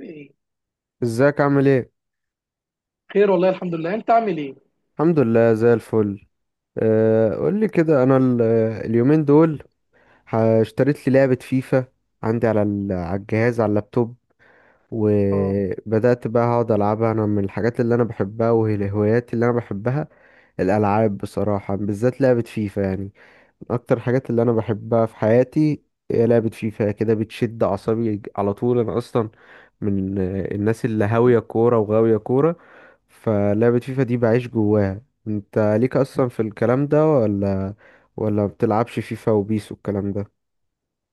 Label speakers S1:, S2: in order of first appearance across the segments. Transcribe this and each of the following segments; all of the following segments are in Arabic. S1: ايه.
S2: ازيك عامل ايه؟
S1: خير والله، الحمد لله. انت عامل ايه؟
S2: الحمد لله زي الفل. قول لي كده، انا اليومين دول اشتريت لي لعبة فيفا، عندي على على الجهاز، على اللابتوب.
S1: اه.
S2: وبدأت بقى اقعد العبها، انا من الحاجات اللي انا بحبها وهي الهوايات اللي انا بحبها الالعاب، بصراحة، بالذات لعبة فيفا يعني. من اكتر الحاجات اللي انا بحبها في حياتي هي لعبة فيفا، كده بتشد اعصابي على طول. انا اصلا من الناس اللي هاوية كورة وغاوية كورة، فلعبة فيفا دي بعيش جواها. انت ليك اصلا في الكلام ده ولا بتلعبش فيفا وبيس والكلام ده؟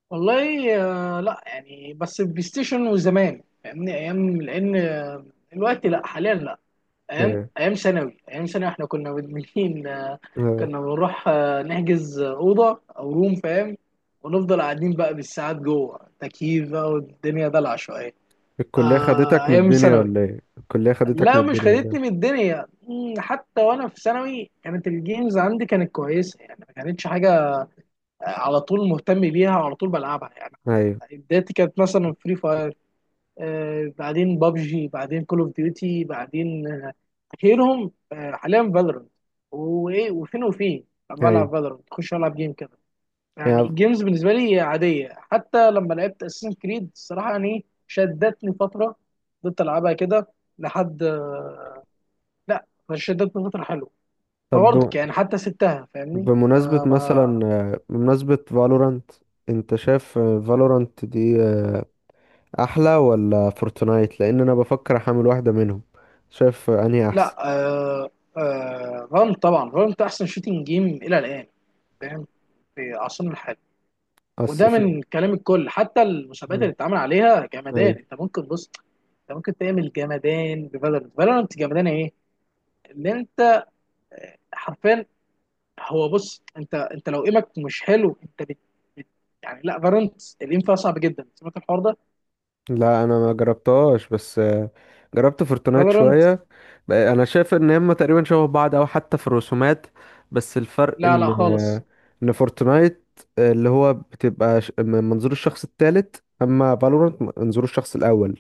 S1: والله. لا يعني، بس البلاي ستيشن. وزمان فاهمني، ايام لان، دلوقتي لا، حاليا لا. ايام
S2: ايه.
S1: ايام ثانوي، ايام ثانوي احنا كنا مدمنين.
S2: اه.
S1: كنا بنروح نحجز اوضه او روم، فاهم؟ ونفضل قاعدين بقى بالساعات جوه تكييف بقى، والدنيا دلع شويه.
S2: الكلية
S1: آه،
S2: خدتك من
S1: ايام
S2: الدنيا
S1: ثانوي.
S2: ولا ايه؟ الكلية خدتك
S1: لا،
S2: من
S1: مش
S2: الدنيا ولا
S1: خدتني من
S2: ايه؟
S1: الدنيا، حتى وانا في ثانوي كانت الجيمز عندي كانت كويسه. يعني ما كانتش حاجه على طول مهتم بيها وعلى طول بلعبها يعني.
S2: ايوه.
S1: بدايتي كانت مثلا فري فاير، بعدين بابجي، بعدين كول اوف ديوتي، بعدين اخيرهم حاليا فالورنت. وايه، وفين وفين.
S2: ايوه.
S1: بلعب فالورنت، اخش العب جيم كده. يعني
S2: يعني،
S1: الجيمز بالنسبه لي عاديه. حتى لما لعبت اساسن كريد الصراحه يعني شدتني فتره، فضلت العبها كده لحد لا، فشدتني فتره حلوه.
S2: طب بم-
S1: فبرضك يعني حتى سبتها فاهمني
S2: بمناسبة
S1: ما.
S2: مثلا اه، بمناسبة فالورانت، انت شايف فالورانت دي احلى ولا فورتنايت؟ لان انا بفكر احمل واحدة منهم. شايف انهي
S1: لا،
S2: احسن؟
S1: فالنت طبعا، فالنت احسن شوتنج جيم الى الان، فاهم؟ في عصرنا الحالي.
S2: اصل
S1: وده
S2: في.
S1: من كلام الكل، حتى المسابقات
S2: مم.
S1: اللي اتعمل عليها جمدان. انت ممكن بص، انت ممكن تعمل جمدان بفالورانت. فالورانت جمدان ايه اللي انت، حرفيا. هو بص، انت لو ايمك مش حلو انت بت. بت- يعني لا، فالورانت الايم فيها صعب جدا، سمعت الحوار ده؟
S2: لا انا ما جربتهاش، بس جربت فورتنايت
S1: فالورانت.
S2: شويه. انا شايف ان هما تقريبا شبه بعض، او حتى في الرسومات، بس الفرق
S1: لا لا، خالص.
S2: ان فورتنايت، اللي هو بتبقى من منظور الشخص الثالث، اما فالورانت من منظور الشخص الاول،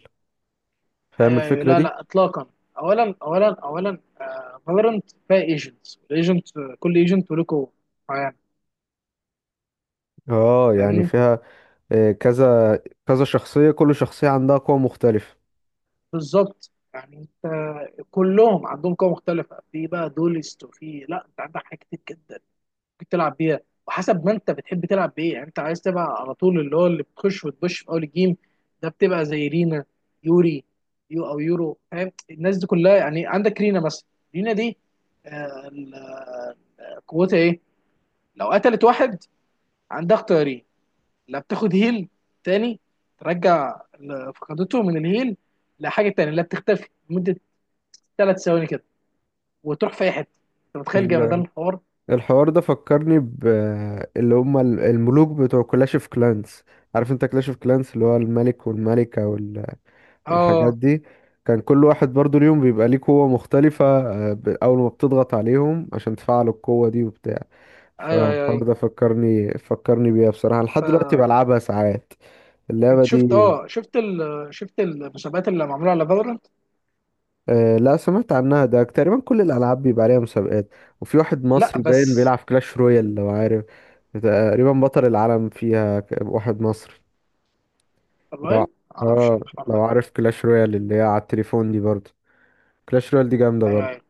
S2: فاهم
S1: ايوه، ايوه،
S2: الفكره
S1: لا
S2: دي؟
S1: لا، اطلاقا. اولا، فالورنت فيها ايجنتس، الايجنت كل ايجنت وله قوه معينه،
S2: اه، يعني
S1: فاهمني؟
S2: فيها آه، كذا كذا شخصيه، كل شخصيه عندها قوه مختلفه.
S1: بالظبط. يعني انت كلهم عندهم قوه مختلفه، في بقى دولست، وفي لا، انت عندك حاجات كتير جدا ممكن تلعب بيها، وحسب ما انت بتحب تلعب بايه. يعني انت عايز تبقى على طول اللي هو اللي بتخش وتبش في اول الجيم، ده بتبقى زي رينا، يوري، يو او يورو، فاهم الناس دي كلها؟ يعني عندك رينا مثلا، رينا دي، آه، ال- قوتها ايه؟ لو قتلت واحد، عندها اختيارين. لا، بتاخد هيل تاني، ترجع اللي فقدته من الهيل. لحاجه تانية، لا، بتختفي لمده 3 ثواني كده، وتروح في اي حته. انت متخيل جمدان الحوار؟
S2: الحوار ده فكرني ب اللي هم الملوك بتوع كلاش اوف كلانس. عارف انت كلاش اوف كلانس اللي هو الملك والملكة والحاجات
S1: اه،
S2: دي؟ كان كل واحد برضو اليوم بيبقى ليه قوة مختلفة، أول ما بتضغط عليهم عشان تفعلوا القوة دي وبتاع.
S1: ايوه، ايوه،
S2: فالحوار ده
S1: ايوه.
S2: فكرني بيها بصراحة، لحد دلوقتي
S1: فانت
S2: بلعبها ساعات اللعبة دي.
S1: شفت، شفت المسابقات اللي معموله على فالورانت؟
S2: آه، لا سمعت عنها، ده تقريبا كل الألعاب بيبقى عليها مسابقات. وفي واحد
S1: لا،
S2: مصري باين
S1: بس
S2: بيلعب كلاش رويال، لو عارف، تقريبا بطل العالم فيها، واحد مصري. لو
S1: والله
S2: ع-
S1: ما اعرفش
S2: اه،
S1: الحوار
S2: لو
S1: ده.
S2: عارف كلاش رويال اللي هي على التليفون دي برضه، كلاش رويال دي جامدة
S1: ايوه،
S2: برضه.
S1: أيوه.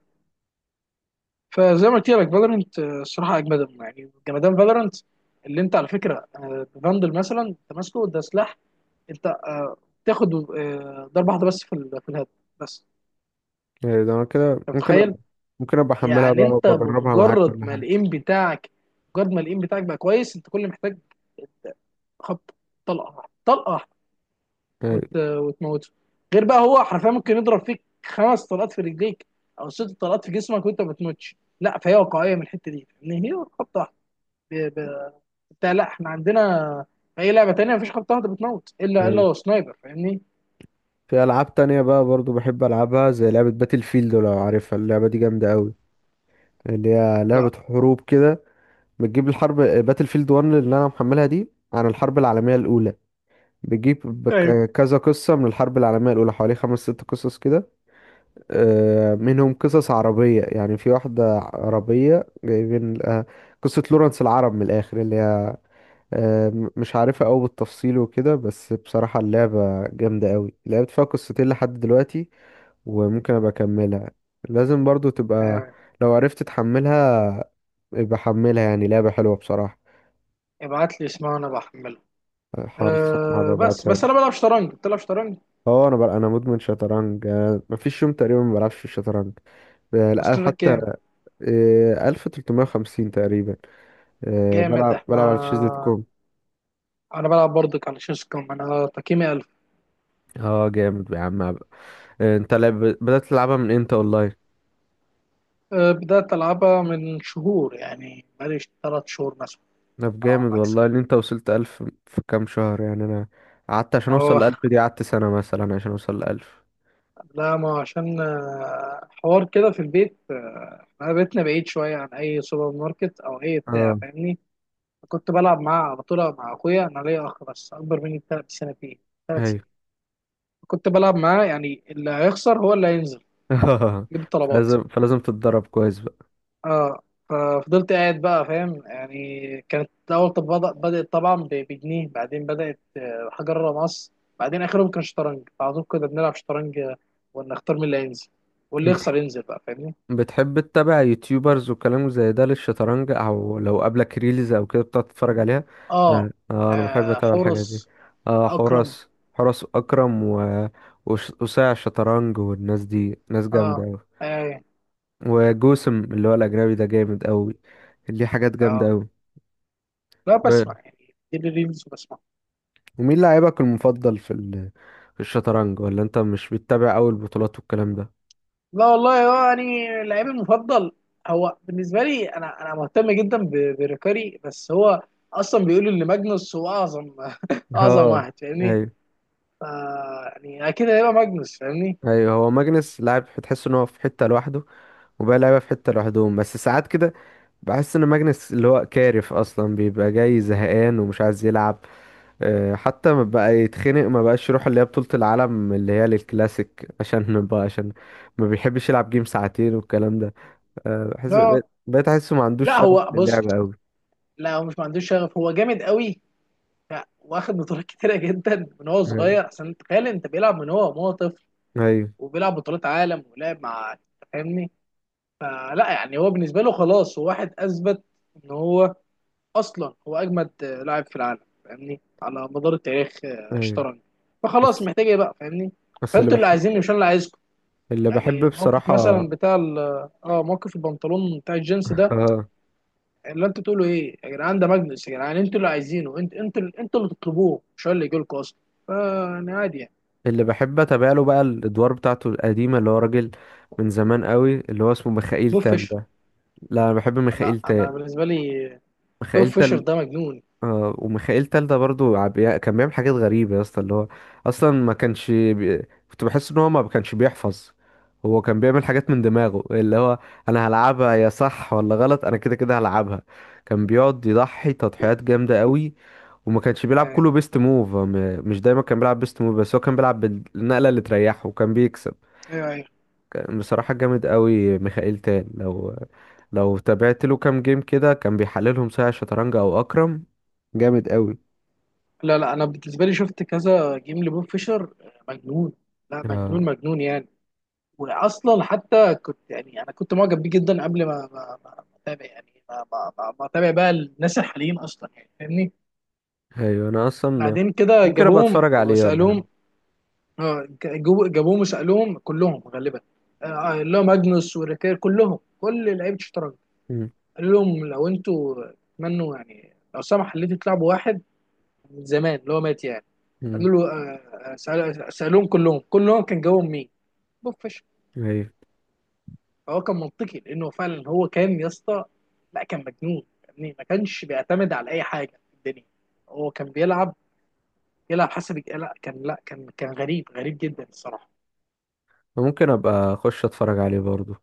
S1: فزي ما قلت لك، فالورنت الصراحه اجمدهم، يعني جمدان فالورنت. اللي انت على فكره، فاندل مثلا، انت ماسكه ده سلاح، انت تاخد ضربه واحده بس في الهيد، بس.
S2: ده أنا كده
S1: انت متخيل؟
S2: ممكن أبقى أحملها
S1: يعني
S2: بقى
S1: انت
S2: وبجربها معاك
S1: بمجرد
S2: كل
S1: ما
S2: حاجة.
S1: الايم بتاعك، مجرد ما الايم بتاعك بقى كويس، انت كل اللي محتاج خبط، طلقه واحده، طلقه واحده،
S2: أيوة.
S1: وتموته. غير بقى، هو حرفيا ممكن يضرب فيك خمس طلقات في رجليك، او ست طلقات في جسمك وانت ما بتموتش. لا، فهي واقعيه من الحته دي ان هي خبطه واحده. ده لا، احنا عندنا اي لعبه تانية مفيش خط واحده بتموت الا
S2: أيوة.
S1: الا سنايبر، فاهمني؟
S2: في ألعاب تانية بقى برضه بحب ألعبها، زي لعبة باتل فيلد، لو عارفها اللعبة دي جامدة أوي، اللي هي لعبة
S1: لا،
S2: حروب كده. بتجيب الحرب، باتل فيلد 1 اللي انا محملها دي، عن الحرب العالميه الاولى. بتجيب
S1: ايوه،
S2: كذا قصه من الحرب العالميه الاولى، حوالي خمس ست قصص كده، منهم قصص عربيه يعني. في واحده عربيه جايبين قصه لورنس العرب من الاخر، اللي هي مش عارفها قوي بالتفصيل وكده، بس بصراحه اللعبه جامده قوي. لعبت فيها قصتين لحد دلوقتي وممكن ابقى اكملها. لازم برضو تبقى،
S1: آه.
S2: لو عرفت تحملها يبقى حملها، يعني لعبه حلوه بصراحه.
S1: ابعت لي اسمها وانا بحمله.
S2: خالص، انا
S1: آه. بس
S2: ببعتها
S1: بس
S2: لك.
S1: انا بلعب شطرنج، بتلعب شطرنج؟
S2: اه، انا بقى مدمن شطرنج، مفيش يوم تقريبا ما بلعبش في الشطرنج. آه، لا
S1: تصنيفك
S2: حتى
S1: كام؟
S2: آه، 1350 تقريبا.
S1: جامد.
S2: بلعب
S1: احنا،
S2: على تشيز دوت كوم.
S1: انا بلعب برضك على شيس كوم، انا تقييمي 1000.
S2: اه، جامد يا عم. انت بدأت تلعبها من امتى اونلاين؟
S1: أه، بدات العبها من شهور، يعني بقالي 3 شهور مثلا.
S2: طب
S1: اه،
S2: جامد
S1: ماكس.
S2: والله ان انت وصلت 1000 في كام شهر، يعني انا قعدت عشان اوصل ل
S1: اه،
S2: 1000 دي، قعدت سنة مثلا عشان اوصل ل 1000.
S1: لا ما عشان حوار كده في البيت، انا بيتنا بعيد شويه عن اي سوبر ماركت او اي بتاع،
S2: اه.
S1: فاهمني؟ كنت بلعب مع بطولة، مع أخويا. أنا ليا أخ بس أكبر مني ب3 سنتين، ثلاث
S2: ايوه.
S1: سنين كنت بلعب معاه، يعني اللي هيخسر هو اللي هينزل يجيب الطلبات.
S2: فلازم تتدرب كويس.
S1: اه. ففضلت قاعد بقى، فاهم يعني. كانت أول، طب بدأت طبعا بجنيه، بعدين بدأت حجر مصر، بعدين آخرهم كان شطرنج. على طول كنا بنلعب شطرنج، ونختار مين اللي هينزل، واللي يخسر
S2: بقى
S1: ينزل بقى، فاهمني؟
S2: بتحب تتابع يوتيوبرز وكلام زي ده للشطرنج، او لو قابلك ريلز او كده بتقعد تتفرج عليها؟
S1: اه.
S2: اه. انا بحب اتابع الحاجات دي.
S1: حورس
S2: اه،
S1: أكرم.
S2: حراس. حراس اكرم و وساع الشطرنج، والناس دي ناس جامده
S1: اه.
S2: قوي.
S1: اي.
S2: وجوسم اللي هو الاجنبي ده جامد قوي، ليه حاجات جامده
S1: اه،
S2: قوي.
S1: لا بسمع يعني، دي الريلز بسمع.
S2: ومين لاعبك المفضل في ال... في الشطرنج؟ ولا انت مش بتتابع اول البطولات والكلام ده؟
S1: لا والله، هو يعني لعيبي المفضل هو بالنسبه لي، انا مهتم جدا بريكاري، بس هو اصلا بيقولوا ان ماجنوس هو اعظم اعظم
S2: اه.
S1: واحد فاهمني.
S2: ايوه.
S1: ف- يعني اكيد هيبقى ماجنوس، فاهمني.
S2: ايوه، هو ماجنس لاعب تحس ان هو في حته لوحده، وبقى لعيبه في حته لوحدهم. بس ساعات كده بحس ان ماجنس، اللي هو كارف، اصلا بيبقى جاي زهقان ومش عايز يلعب. أه، حتى ما بقى يتخنق، ما بقاش يروح اللي هي بطولة العالم اللي هي للكلاسيك. عشان بقى ما بيحبش يلعب جيم ساعتين والكلام ده. أه، بحس
S1: لا
S2: بقيت احسه ما عندوش
S1: لا،
S2: شغف
S1: هو بص،
S2: للعب قوي.
S1: لا هو مش ما عندوش شغف، هو جامد قوي. ف- واخد بطولات كتيره جدا من هو
S2: ايوه.
S1: صغير، احسن تخيل انت، بيلعب من هو وهو طفل،
S2: ايوه.
S1: وبيلعب بطولات عالم، ولعب مع، فاهمني. فلا يعني، هو بالنسبه له خلاص، هو واحد اثبت ان هو اصلا هو اجمد لاعب في العالم فاهمني، على مدار التاريخ
S2: أيوة.
S1: اشترك. فخلاص،
S2: بس
S1: محتاج ايه بقى فاهمني.
S2: بس اللي
S1: فانتوا اللي
S2: بحب،
S1: عايزيني، مش انا اللي عايزكم. يعني موقف
S2: بصراحة.
S1: مثلا بتاع اه، موقف البنطلون بتاع الجينز ده،
S2: اه.
S1: اللي انتوا تقولوا ايه يا جدعان، ده ماجنس يا جدعان، انتوا اللي عايزينه. انتوا اللي تطلبوه، مش هو اللي يجي لكم اصلا. فانا عادي يعني.
S2: اللي بحب اتابع له بقى الادوار بتاعته القديمه، اللي هو راجل من زمان قوي، اللي هو اسمه ميخائيل
S1: بوب
S2: تال
S1: فيشر.
S2: ده. لا انا بحب
S1: لا
S2: ميخائيل
S1: انا
S2: تال.
S1: بالنسبه لي، بوب
S2: ميخائيل
S1: فيشر
S2: تال.
S1: ده مجنون.
S2: آه، وميخائيل تالدة برضو كان بيعمل حاجات غريبة يا اسطى، اللي هو أصلا ما كانش بي... كنت بحس إن هو ما كانش بيحفظ. هو كان بيعمل حاجات من دماغه، اللي هو أنا هلعبها يا صح ولا غلط، أنا كده كده هلعبها. كان بيقعد يضحي تضحيات جامدة قوي، وما كانش بيلعب
S1: ايوه،
S2: كله بيست موف. هو مش دايما كان بيلعب بيست موف، بس هو كان بيلعب بالنقلة اللي تريحه وكان بيكسب.
S1: ايوه، أيوة.
S2: كان بصراحة جامد قوي ميخائيل تال، لو تابعت له كام جيم كده كان بيحللهم ساعة شطرنج أو أكرم. جامد قوي.
S1: لا لا، انا بالنسبه لي شفت كذا جيم لبوب فيشر، مجنون. لا،
S2: اه.
S1: مجنون مجنون يعني. واصلا حتى كنت، يعني انا كنت معجب بيه جدا قبل ما ما ما ما اتابع، يعني ما اتابع بقى الناس الحاليين اصلا يعني فاهمني.
S2: ايوه، انا اصلا
S1: بعدين كده
S2: ممكن ابقى
S1: جابوهم
S2: اتفرج عليه ولا حاجه.
S1: وسالوهم، اه جابوهم وسالوهم كلهم غالبا، اللي هو ماجنوس وريكير كلهم، كل لعيبه الشطرنج،
S2: مم.
S1: قالوا لهم لو انتوا تمنوا يعني، لو سمح اللي انتوا تلعبوا واحد من زمان اللي هو مات يعني،
S2: مم.
S1: قالوا له سالوهم كلهم كان جاوبهم مين؟ بوف.
S2: ايوه،
S1: فهو كان منطقي، لانه فعلا هو كان يا اسطى، لا كان مجنون يعني، ما كانش بيعتمد على اي حاجه في الدنيا. هو كان بيلعب يلعب حسب لا كان، لا كان غريب غريب جدا الصراحه.
S2: ممكن ابقى اخش اتفرج عليه برضو.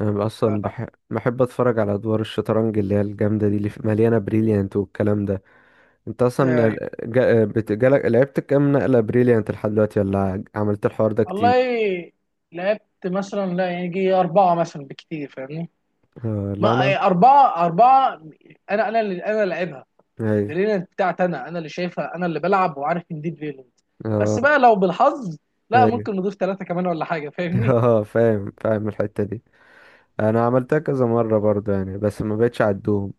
S2: انا
S1: لا
S2: اصلا
S1: لا،
S2: بحب اتفرج على ادوار الشطرنج اللي هي الجامده دي، اللي مليانه بريليانت والكلام ده. انت اصلا
S1: أي.
S2: لعبت كام نقله بريليانت لحد دلوقتي؟ ولا عملت الحوار ده كتير؟
S1: والله، لعبت مثلا لا يجي اربعه مثلا بكتير، فاهمني.
S2: آه، لا
S1: ما،
S2: انا.
S1: أي، اربعه، اربعه، انا اللي انا لعبها.
S2: ايوه.
S1: الريلنت بتاعتي انا اللي شايفها، انا اللي بلعب وعارف ان دي الريلنت، بس
S2: اه.
S1: بقى لو بالحظ، لا،
S2: ايوه.
S1: ممكن نضيف ثلاثه كمان ولا حاجه، فاهمني.
S2: اه، فاهم الحته دي. انا عملتها كذا مره برضو يعني، بس ما بقتش اعدهم.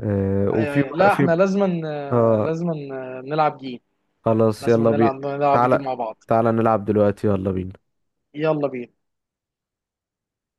S2: آه
S1: ايوه،
S2: وفي
S1: ايوه،
S2: مر-
S1: لا
S2: في
S1: احنا لازما،
S2: اه،
S1: لازما نلعب جيم،
S2: خلاص
S1: لازما
S2: يلا بينا.
S1: نلعب جيم
S2: تعالى.
S1: مع بعض.
S2: نلعب دلوقتي، يلا بينا.
S1: يلا بينا.